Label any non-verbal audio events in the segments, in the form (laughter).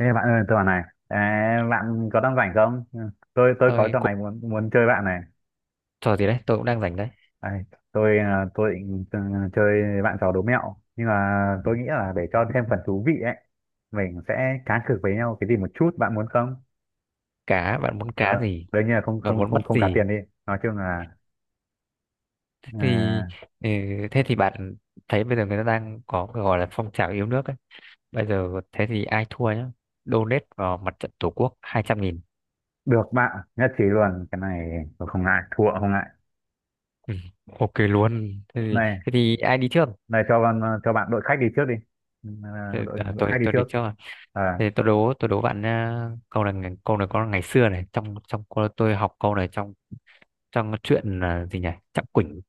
Ê bạn ơi, tôi bảo này, ê, bạn có đang rảnh không? Ừ, Tôi có Tôi trò cũng này muốn muốn chơi bạn này. Trò gì đấy, tôi cũng đang rảnh đấy. Đây, tôi tôi định chơi bạn trò đố mẹo, nhưng mà tôi nghĩ là để cho thêm phần thú vị ấy, mình sẽ cá cược với nhau cái gì một chút, bạn muốn không? Cá? Bạn muốn cá Ờ, gì? đương nhiên là không Bạn không muốn không bắt không cá gì tiền đi. Nói chung là thì... à, ừ, Thế thì bạn thấy bây giờ người ta đang có cái gọi là phong trào yêu nước ấy, bây giờ thế thì ai thua nhá donate vào mặt trận tổ quốc 200.000. được, bạn nhất trí luôn. Cái này tôi không ngại, thua không ngại. Ừ, OK luôn. Này, Thế thì ai đi trước? này cho con cho bạn đội khách đi trước đi. Ừ, à, đội đội tôi khách đi tôi trước. đi trước à. Thế tôi đố bạn, câu này, có ngày xưa này, trong trong cô- tôi học câu này trong trong chuyện, gì nhỉ, Chắc Quỳnh?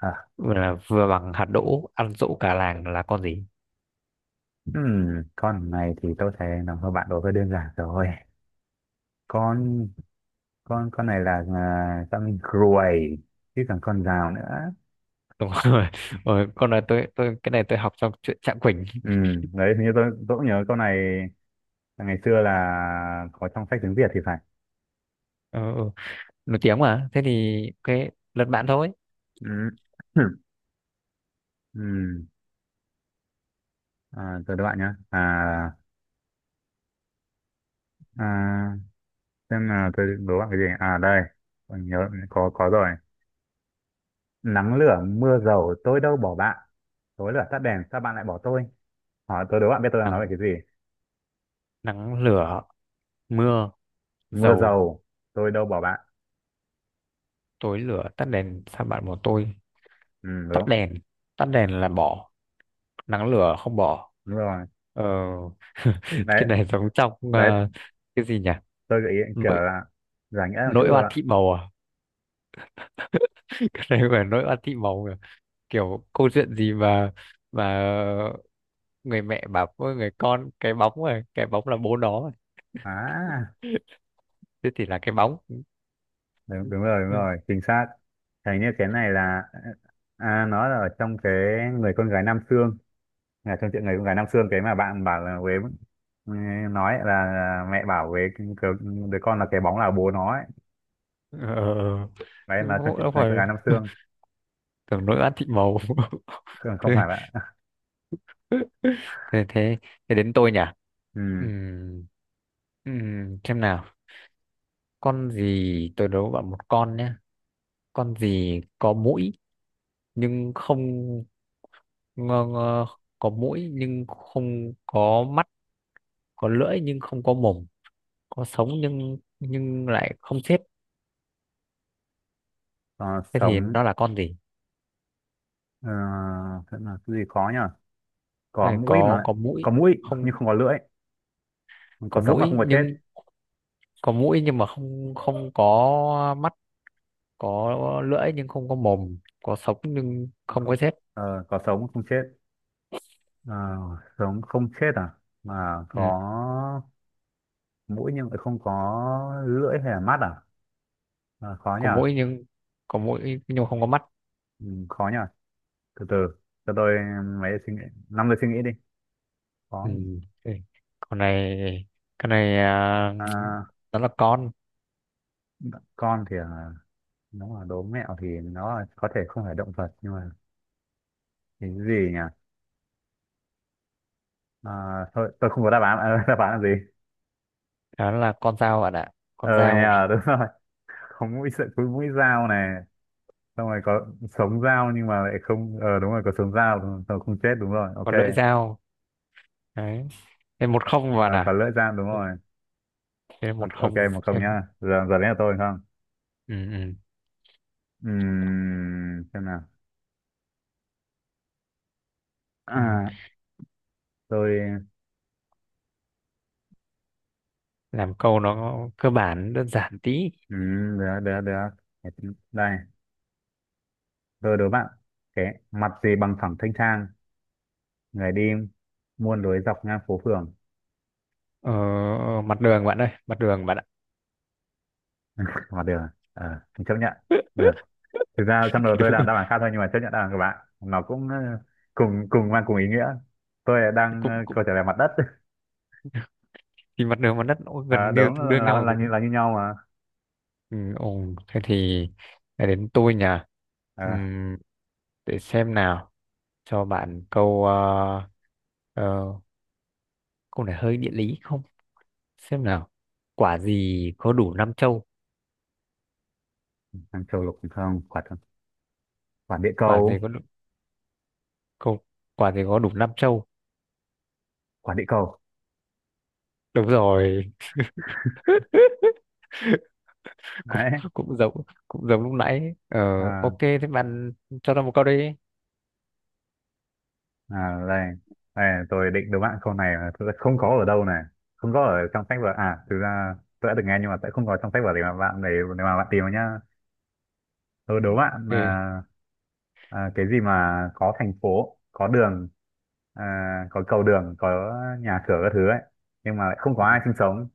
À, Là vừa bằng hạt đỗ, ăn dỗ cả làng, là con gì? ừm, con này thì tôi thấy nó hơi bạn đối hơi đơn giản rồi, con con này là con ruồi chứ còn con rào nữa. Đúng rồi. (laughs) Con này tôi cái này tôi học trong chuyện Trạng Quỳnh. Ừ, (laughs) đấy hình như tôi cũng nhớ câu này, là ngày xưa là có trong sách tiếng Việt thì phải. Ừ, ừ. Nổi tiếng mà. Thế thì cái lật bạn thôi. Ừ. (clears throat) Ừ, tôi đố bạn nhá. À xem là tôi đố bạn cái gì à. Đây, tôi nhớ có rồi. Nắng lửa mưa dầu tôi đâu bỏ bạn, tối lửa tắt đèn sao bạn lại bỏ tôi. Hỏi tôi đố bạn biết tôi đang nói về Nắng cái gì? Nắng lửa mưa Mưa dầu, dầu tôi đâu bỏ bạn. tối lửa tắt đèn, sao bạn bỏ tôi? Ừ, tắt đúng. đèn Tắt đèn là bỏ, nắng lửa không bỏ. Đúng rồi. ờ (laughs) Đấy. cái này giống trong Đấy, cái gì nhỉ, tôi gợi ý kiểu nỗi là giải nghĩa một chút nỗi rồi oan bạn. Thị màu à? (laughs) Cái này gọi là nỗi oan Thị màu à? Kiểu câu chuyện gì mà mà người mẹ bảo với người con cái bóng, rồi cái bóng là bố nó rồi. À, Thế thì là cái bóng. đúng, đúng rồi, đúng rồi, chính xác. Hình như cái này là à, nó là ở trong cái người con gái Nam Xương, là trong chuyện người con gái Nam Xương cái mà bạn bảo là Huế. Ừ, nói là mẹ bảo với cái- đứa con là cái bóng là bố nó ấy. ờ, Đấy Đúng là trong không? chuyện Đúng người con rồi. gái Nam Xương. Tưởng nỗi oán Thị màu Không, (laughs) thế, không phải bạn. thế thế Thế đến tôi nhỉ. Ừ, Ừm, xem nào. Con gì? Tôi đố bạn một con nhé. Con gì có mũi nhưng không... ngơ ngơ, có mũi nhưng không có mắt, có lưỡi nhưng không có mồm, có sống nhưng lại không chết. còn Thế thì sống. nó là con gì? Ờ, thế là cái gì khó nhỉ? Thế Có là mũi có mà. có mũi, Có mũi không, nhưng không có lưỡi. có Có sống mà không mũi có chết. nhưng có mũi nhưng mà không không có mắt, có lưỡi nhưng không có mồm, có sống nhưng À, không không. có rết. Ờ, có sống mà không chết. Ờ, sống không chết à, mà Ừ. có mũi nhưng lại không có lưỡi hay là mắt à? Ờ, khó Có nhờ. mũi nhưng không có mắt. Ừ, khó nhờ. Từ từ, cho tôi mấy suy nghĩ, 5 giây suy nghĩ đi. Khó Ừ. nhỉ? Ừ. con này con này, À, nó là con... con thì nó là đố mẹo thì nó là- có thể không phải động vật nhưng mà cái gì nhỉ? À, thôi tôi không có đáp án. (laughs) Đáp án là gì? Đó là con dao, bạn ạ. Ờ Con dao. nhờ, đúng rồi. Có mũi sợi, có mũi dao này, xong rồi có sống dao nhưng mà lại không, ờ đúng rồi, có sống dao đúng rồi, không chết đúng rồi, Có ok. lưỡi dao. Đấy, 1-0, Ờ, bạn có ạ. lưỡi dao đúng Ừ. rồi. thêm Ok, một ok, không 1-0 nhá. Giờ giờ đến là tôi. Không, Ừ, ừ. ừm, xem nào. Ừ. à, tôi, Làm câu nó cơ bản, đơn giản tí. Được được được. Đây, tôi đố bạn: cái mặt gì bằng phẳng thanh thang, người đi muôn lối dọc ngang phố phường? Ờ, Mặt đường bạn ơi, mặt đường bạn ạ. Mà được, ờ mình chấp nhận. Được, (laughs) thực ra trong đầu Thì tôi đúng là rồi, đáp án khác thôi nhưng mà chấp nhận, đáp án của bạn nó cũng cùng cùng mang cùng ý nghĩa. Tôi là đang cũng cũng câu trả lời mặt đất. thì mặt đường và đất nó À, gần như đúng, tương đương nhau rồi, đấy. là như nhau mà. Ừ, ồ, thế thì lại đến tôi nhỉ. À, Ừm, để xem nào. Cho bạn câu... ờ, ờ, câu này hơi địa lý không? Xem nào. Quả gì có đủ năm châu? ăn châu lục không, quả quả địa Quả gì cầu. có đủ câu Quả gì có đủ năm châu? Quả địa cầu. Đúng rồi. (laughs) cũng Đấy. cũng giống Cũng giống lúc nãy. Ờ à, OK, thế bạn cho tôi một câu đi. Đây, đây tôi định đố bạn câu này mà thực ra không có ở đâu này, không có ở trong sách vở. Thực ra tôi đã được nghe nhưng mà sẽ không có trong sách vở để mà bạn tìm vào nhá. Tôi đố bạn là OK. Cái gì mà có thành phố, có đường, à, có cầu đường, có nhà cửa các thứ ấy nhưng mà lại không có Ừ. ai sinh sống?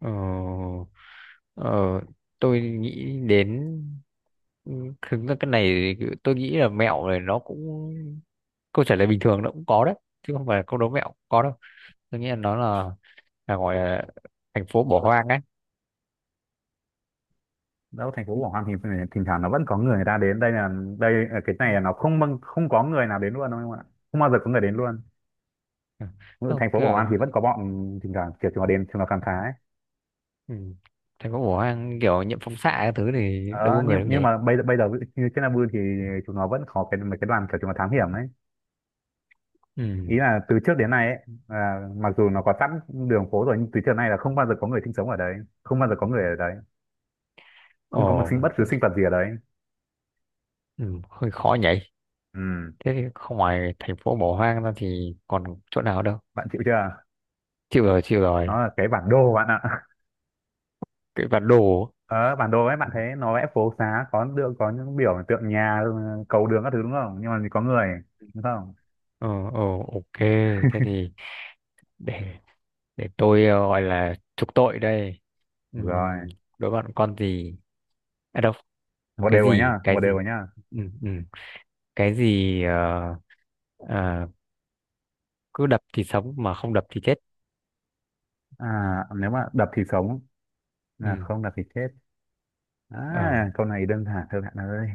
ờ, ờ, tôi nghĩ đến... ừ, thực ra cái này thì tôi nghĩ là mẹo này nó cũng... câu trả lời bình thường nó cũng có đấy, chứ không phải là câu đố mẹo cũng có đâu. Tôi nghĩ là nó là gọi là thành phố bỏ hoang ấy. Đâu, thành phố Quảng Hòa thì phải- thỉnh thoảng nó vẫn có người, người ta đến. Đây là, đây là cái này là nó không bâng- không có người nào đến luôn đâu em ạ, không bao giờ có người đến luôn. Ừ. Không, Thành phố Quảng kiểu... Hòa thì vẫn có bọn thỉnh thoảng kiểu chúng nó đến, chúng nó khám phá ấy. Ừ. Thành phố bỏ hoang kiểu nhiễm phóng xạ các thứ thì đâu Ờ, có người nhưng đâu nhưng nhỉ. mà bây giờ ví dụ như trên Nabu thì chúng nó vẫn có cái mấy cái đoàn kiểu chúng nó thám hiểm ấy. Ừ. Ý là từ trước đến nay ấy, là mặc dù nó có sẵn đường phố rồi nhưng từ trước đến nay là không bao giờ có người sinh sống ở đấy, không bao giờ có người ở đấy, Ồ. không có một sinh, bất cứ sinh vật gì ở đấy. Ừ. Hơi khó nhỉ. Ừ. Thế thì không, ngoài thành phố bỏ hoang ra thì còn chỗ nào đâu. Bạn chịu chưa? Chịu rồi, chịu rồi. Nó là cái bản đồ bạn ạ. Cái bản đồ. Ờ, bản đồ ấy, Ừ. bạn thấy nó vẽ phố xá có được, có những biểu tượng nhà, ừ, cầu đường các thứ đúng không, nhưng mà có người đúng không? ờ ờ OK. Thế thì để để tôi gọi là trục tội đây. Ừm, Rồi, Đối bạn con gì. À đâu. một đều rồi nhá, Cái 1-1 gì? rồi nhá. Ừm, ừm, cái gì ờ, cứ đập thì sống mà không đập thì chết? À, nếu mà đập thì sống, là Ừm, không đập thì chết. ờ, À, câu này đơn giản thôi bạn ơi.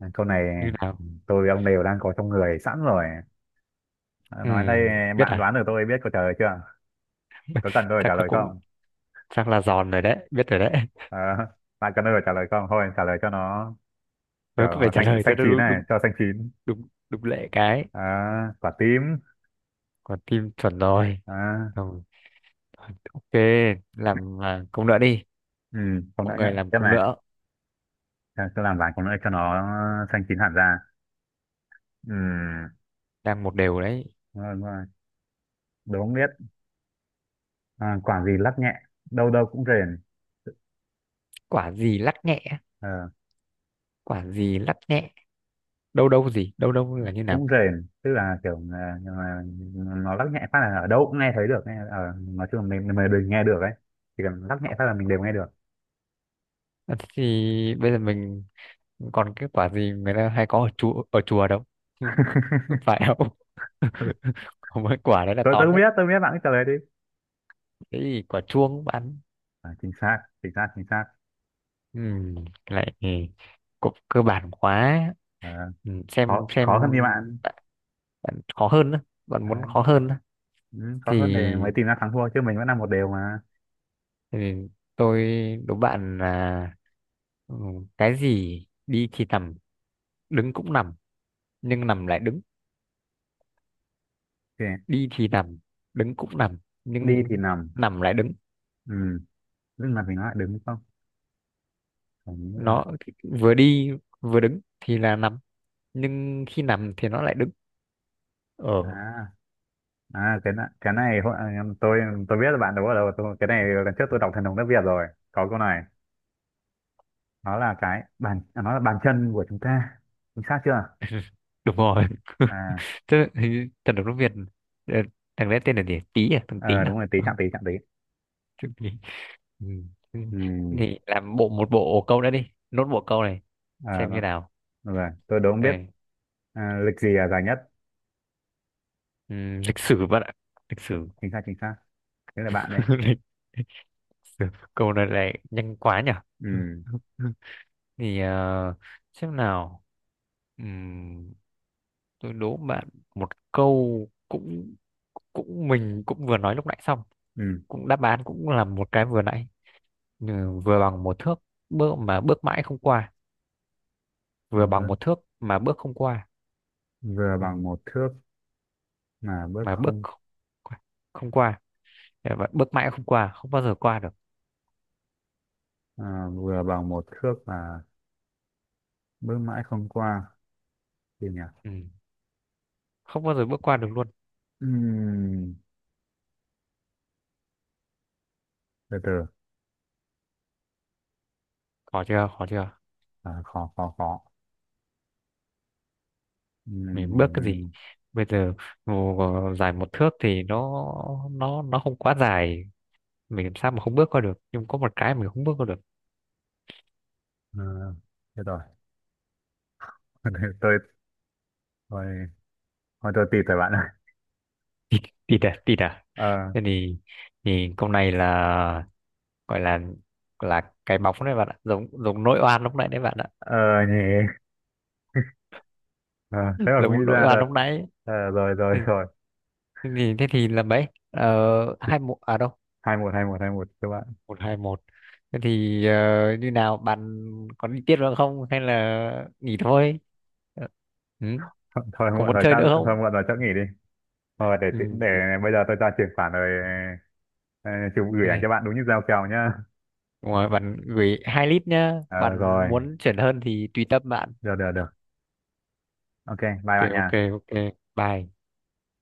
À, câu này Như nào? tôi với ông đều đang có trong người sẵn rồi. À, nói đây, Biết bạn à? đoán được tôi biết câu trả lời chưa? Có cần tôi phải chắc trả là lời cũng không? Chắc là giòn rồi đấy, biết rồi đấy. (laughs) Ờ, (laughs) bạn cần tôi phải trả lời không, thôi trả lời cho nó Mới kiểu cứ phải trả xanh lời cho xanh nó. chín Đúng, này đúng, cho xanh chín. đúng, đúng lệ cái. À, quả tím Còn tim chuẩn rồi. à, Không, OK, làm câu nữa đi. ừ, không Mọi đã nhá. người làm Tiếp công này, nữa. ta cứ làm vài cái nữa cho nó xanh chín hẳn ra. Ừ, Đang một đều đấy. đúng rồi, đúng rồi. Đố không biết. À, quả gì lắc nhẹ, đâu đâu cũng rền. quả gì lắc nhẹ Ờ, Quả gì lắc nhẹ? Đâu đâu gì, đâu đâu là như cũng nào? rền, tức là kiểu nhưng mà nó lắc nhẹ phát là ở đâu cũng nghe thấy được. Nghe, ờ, nói chung là mình đều nghe được ấy. Chỉ cần lắc nhẹ phát là mình đều nghe được. Thế thì bây giờ mình... còn cái quả gì người ta hay có ở chùa, đâu? (laughs) Phải không? (laughs) (laughs) Có mỗi quả đấy là Tôi, to tôi không biết, nhất. tôi không biết, bạn cứ trả lời đi. Cái gì, quả chuông bạn? À, chính xác, chính xác, chính xác. Ừ, cái này thì cũng cơ bản quá. Ờ, Ừ, khó, xem. khó hơn thì bạn. Bạn Bạn khó hơn á, bạn muốn Đấy, khó hơn á, ừ, khó thì hơn để mới tìm ra thắng thua, chứ mình vẫn là 1-1 mà. thì tôi đố bạn là ừ, cái gì đi thì nằm, đứng cũng nằm, nhưng nằm lại đứng? Ok, Đi thì nằm, đứng cũng nằm, đi thì nhưng nằm. nằm lại đứng. Ừ. Lúc nào mình nói đứng không? Phải như là Nó vừa đi, vừa đứng thì là nằm, nhưng khi nằm thì nó lại đứng. ờ à cái này, cái này hồi- tôi biết là bạn đúng ở đâu, tôi cái này lần trước tôi đọc thần đồng nước Việt rồi, có câu này. Nó là cái bàn, à, nó là bàn chân của chúng ta. Chính xác chưa? (laughs) Đúng rồi. (laughs) À, Thế thì thần nước Việt, ờ, thằng đấy tên là gì, Tý à, thằng Tý ờ, đúng à? rồi, tí Ừ. chạm tí, chạm tí. Thằng Tý. Ừ. Ừ. Ừ, Thì làm một bộ câu nữa đi, nốt bộ câu này. à, Xem như nào. rồi tôi đúng biết. Đây. À, lịch gì là dài nhất? Lịch sử bạn ạ. Lịch sử. Chính xác, chính xác. Thế là bạn đây. (laughs) lịch, Lịch sử. Câu này lại nhanh quá nhỉ. Ừ, (laughs) Thì xem nào. Ừm, tôi đố bạn một câu cũng cũng mình cũng vừa nói lúc nãy xong, ừ. cũng đáp án cũng là một cái vừa nãy. Ừ, vừa bằng 1 thước, bước mà bước mãi không qua. Vừa bằng Vừa, một thước mà bước không qua. vừa ừ, bằng một thước mà bước mà bước không. không qua, không qua. Thế mà bước mãi không qua, không bao giờ qua được. À, vừa bằng một thước mà bước mãi không qua. Gì nhỉ? Ừ, không bao giờ bước qua được luôn. Ừm, từ từ. Khó chưa, khó chưa? À, khó khó khó. Mình bước cái gì Ừm, bây giờ? Ngồi dài 1 thước thì nó nó không quá dài, mình làm sao mà không bước qua được, nhưng có một cái mình không bước qua được. à, thế rồi. (laughs) tôi tôi, thôi tôi tịt rồi bạn ơi. Tịt à, tịt à? Ờ, Thế thì, câu này là gọi là cái bóng đấy bạn ạ, giống giống nỗi oan lúc nãy đấy bạn ạ. ờ nhỉ. Ờ, thế (laughs) mà cũng nghĩ Giống nỗi ra oan được. lúc nãy. Ờ, rồi rồi Ừ, rồi. thế thì là mấy, 2-1 à, đâu. 2-1, 2-1, hai một các bạn. Một hai một. Thế thì như nào bạn, có đi tiếp nữa không hay là nghỉ thôi? Ờ, ừ. (laughs) Thôi Có muộn muốn rồi chơi chắc, nữa thôi không? muộn rồi chắc nghỉ đi. Thôi để Ừ. tí- để Ừ. bây giờ tôi ra chuyển khoản rồi, ờ, chụp gửi Thế ảnh thì- cho bạn đúng như giao kèo nhá. Đúng rồi, bạn gửi hai lít nhá, Ờ bạn rồi, muốn chuyển hơn thì tùy tâm bạn. được được được, ok bye OK, bạn OK. nha. OK. Bye.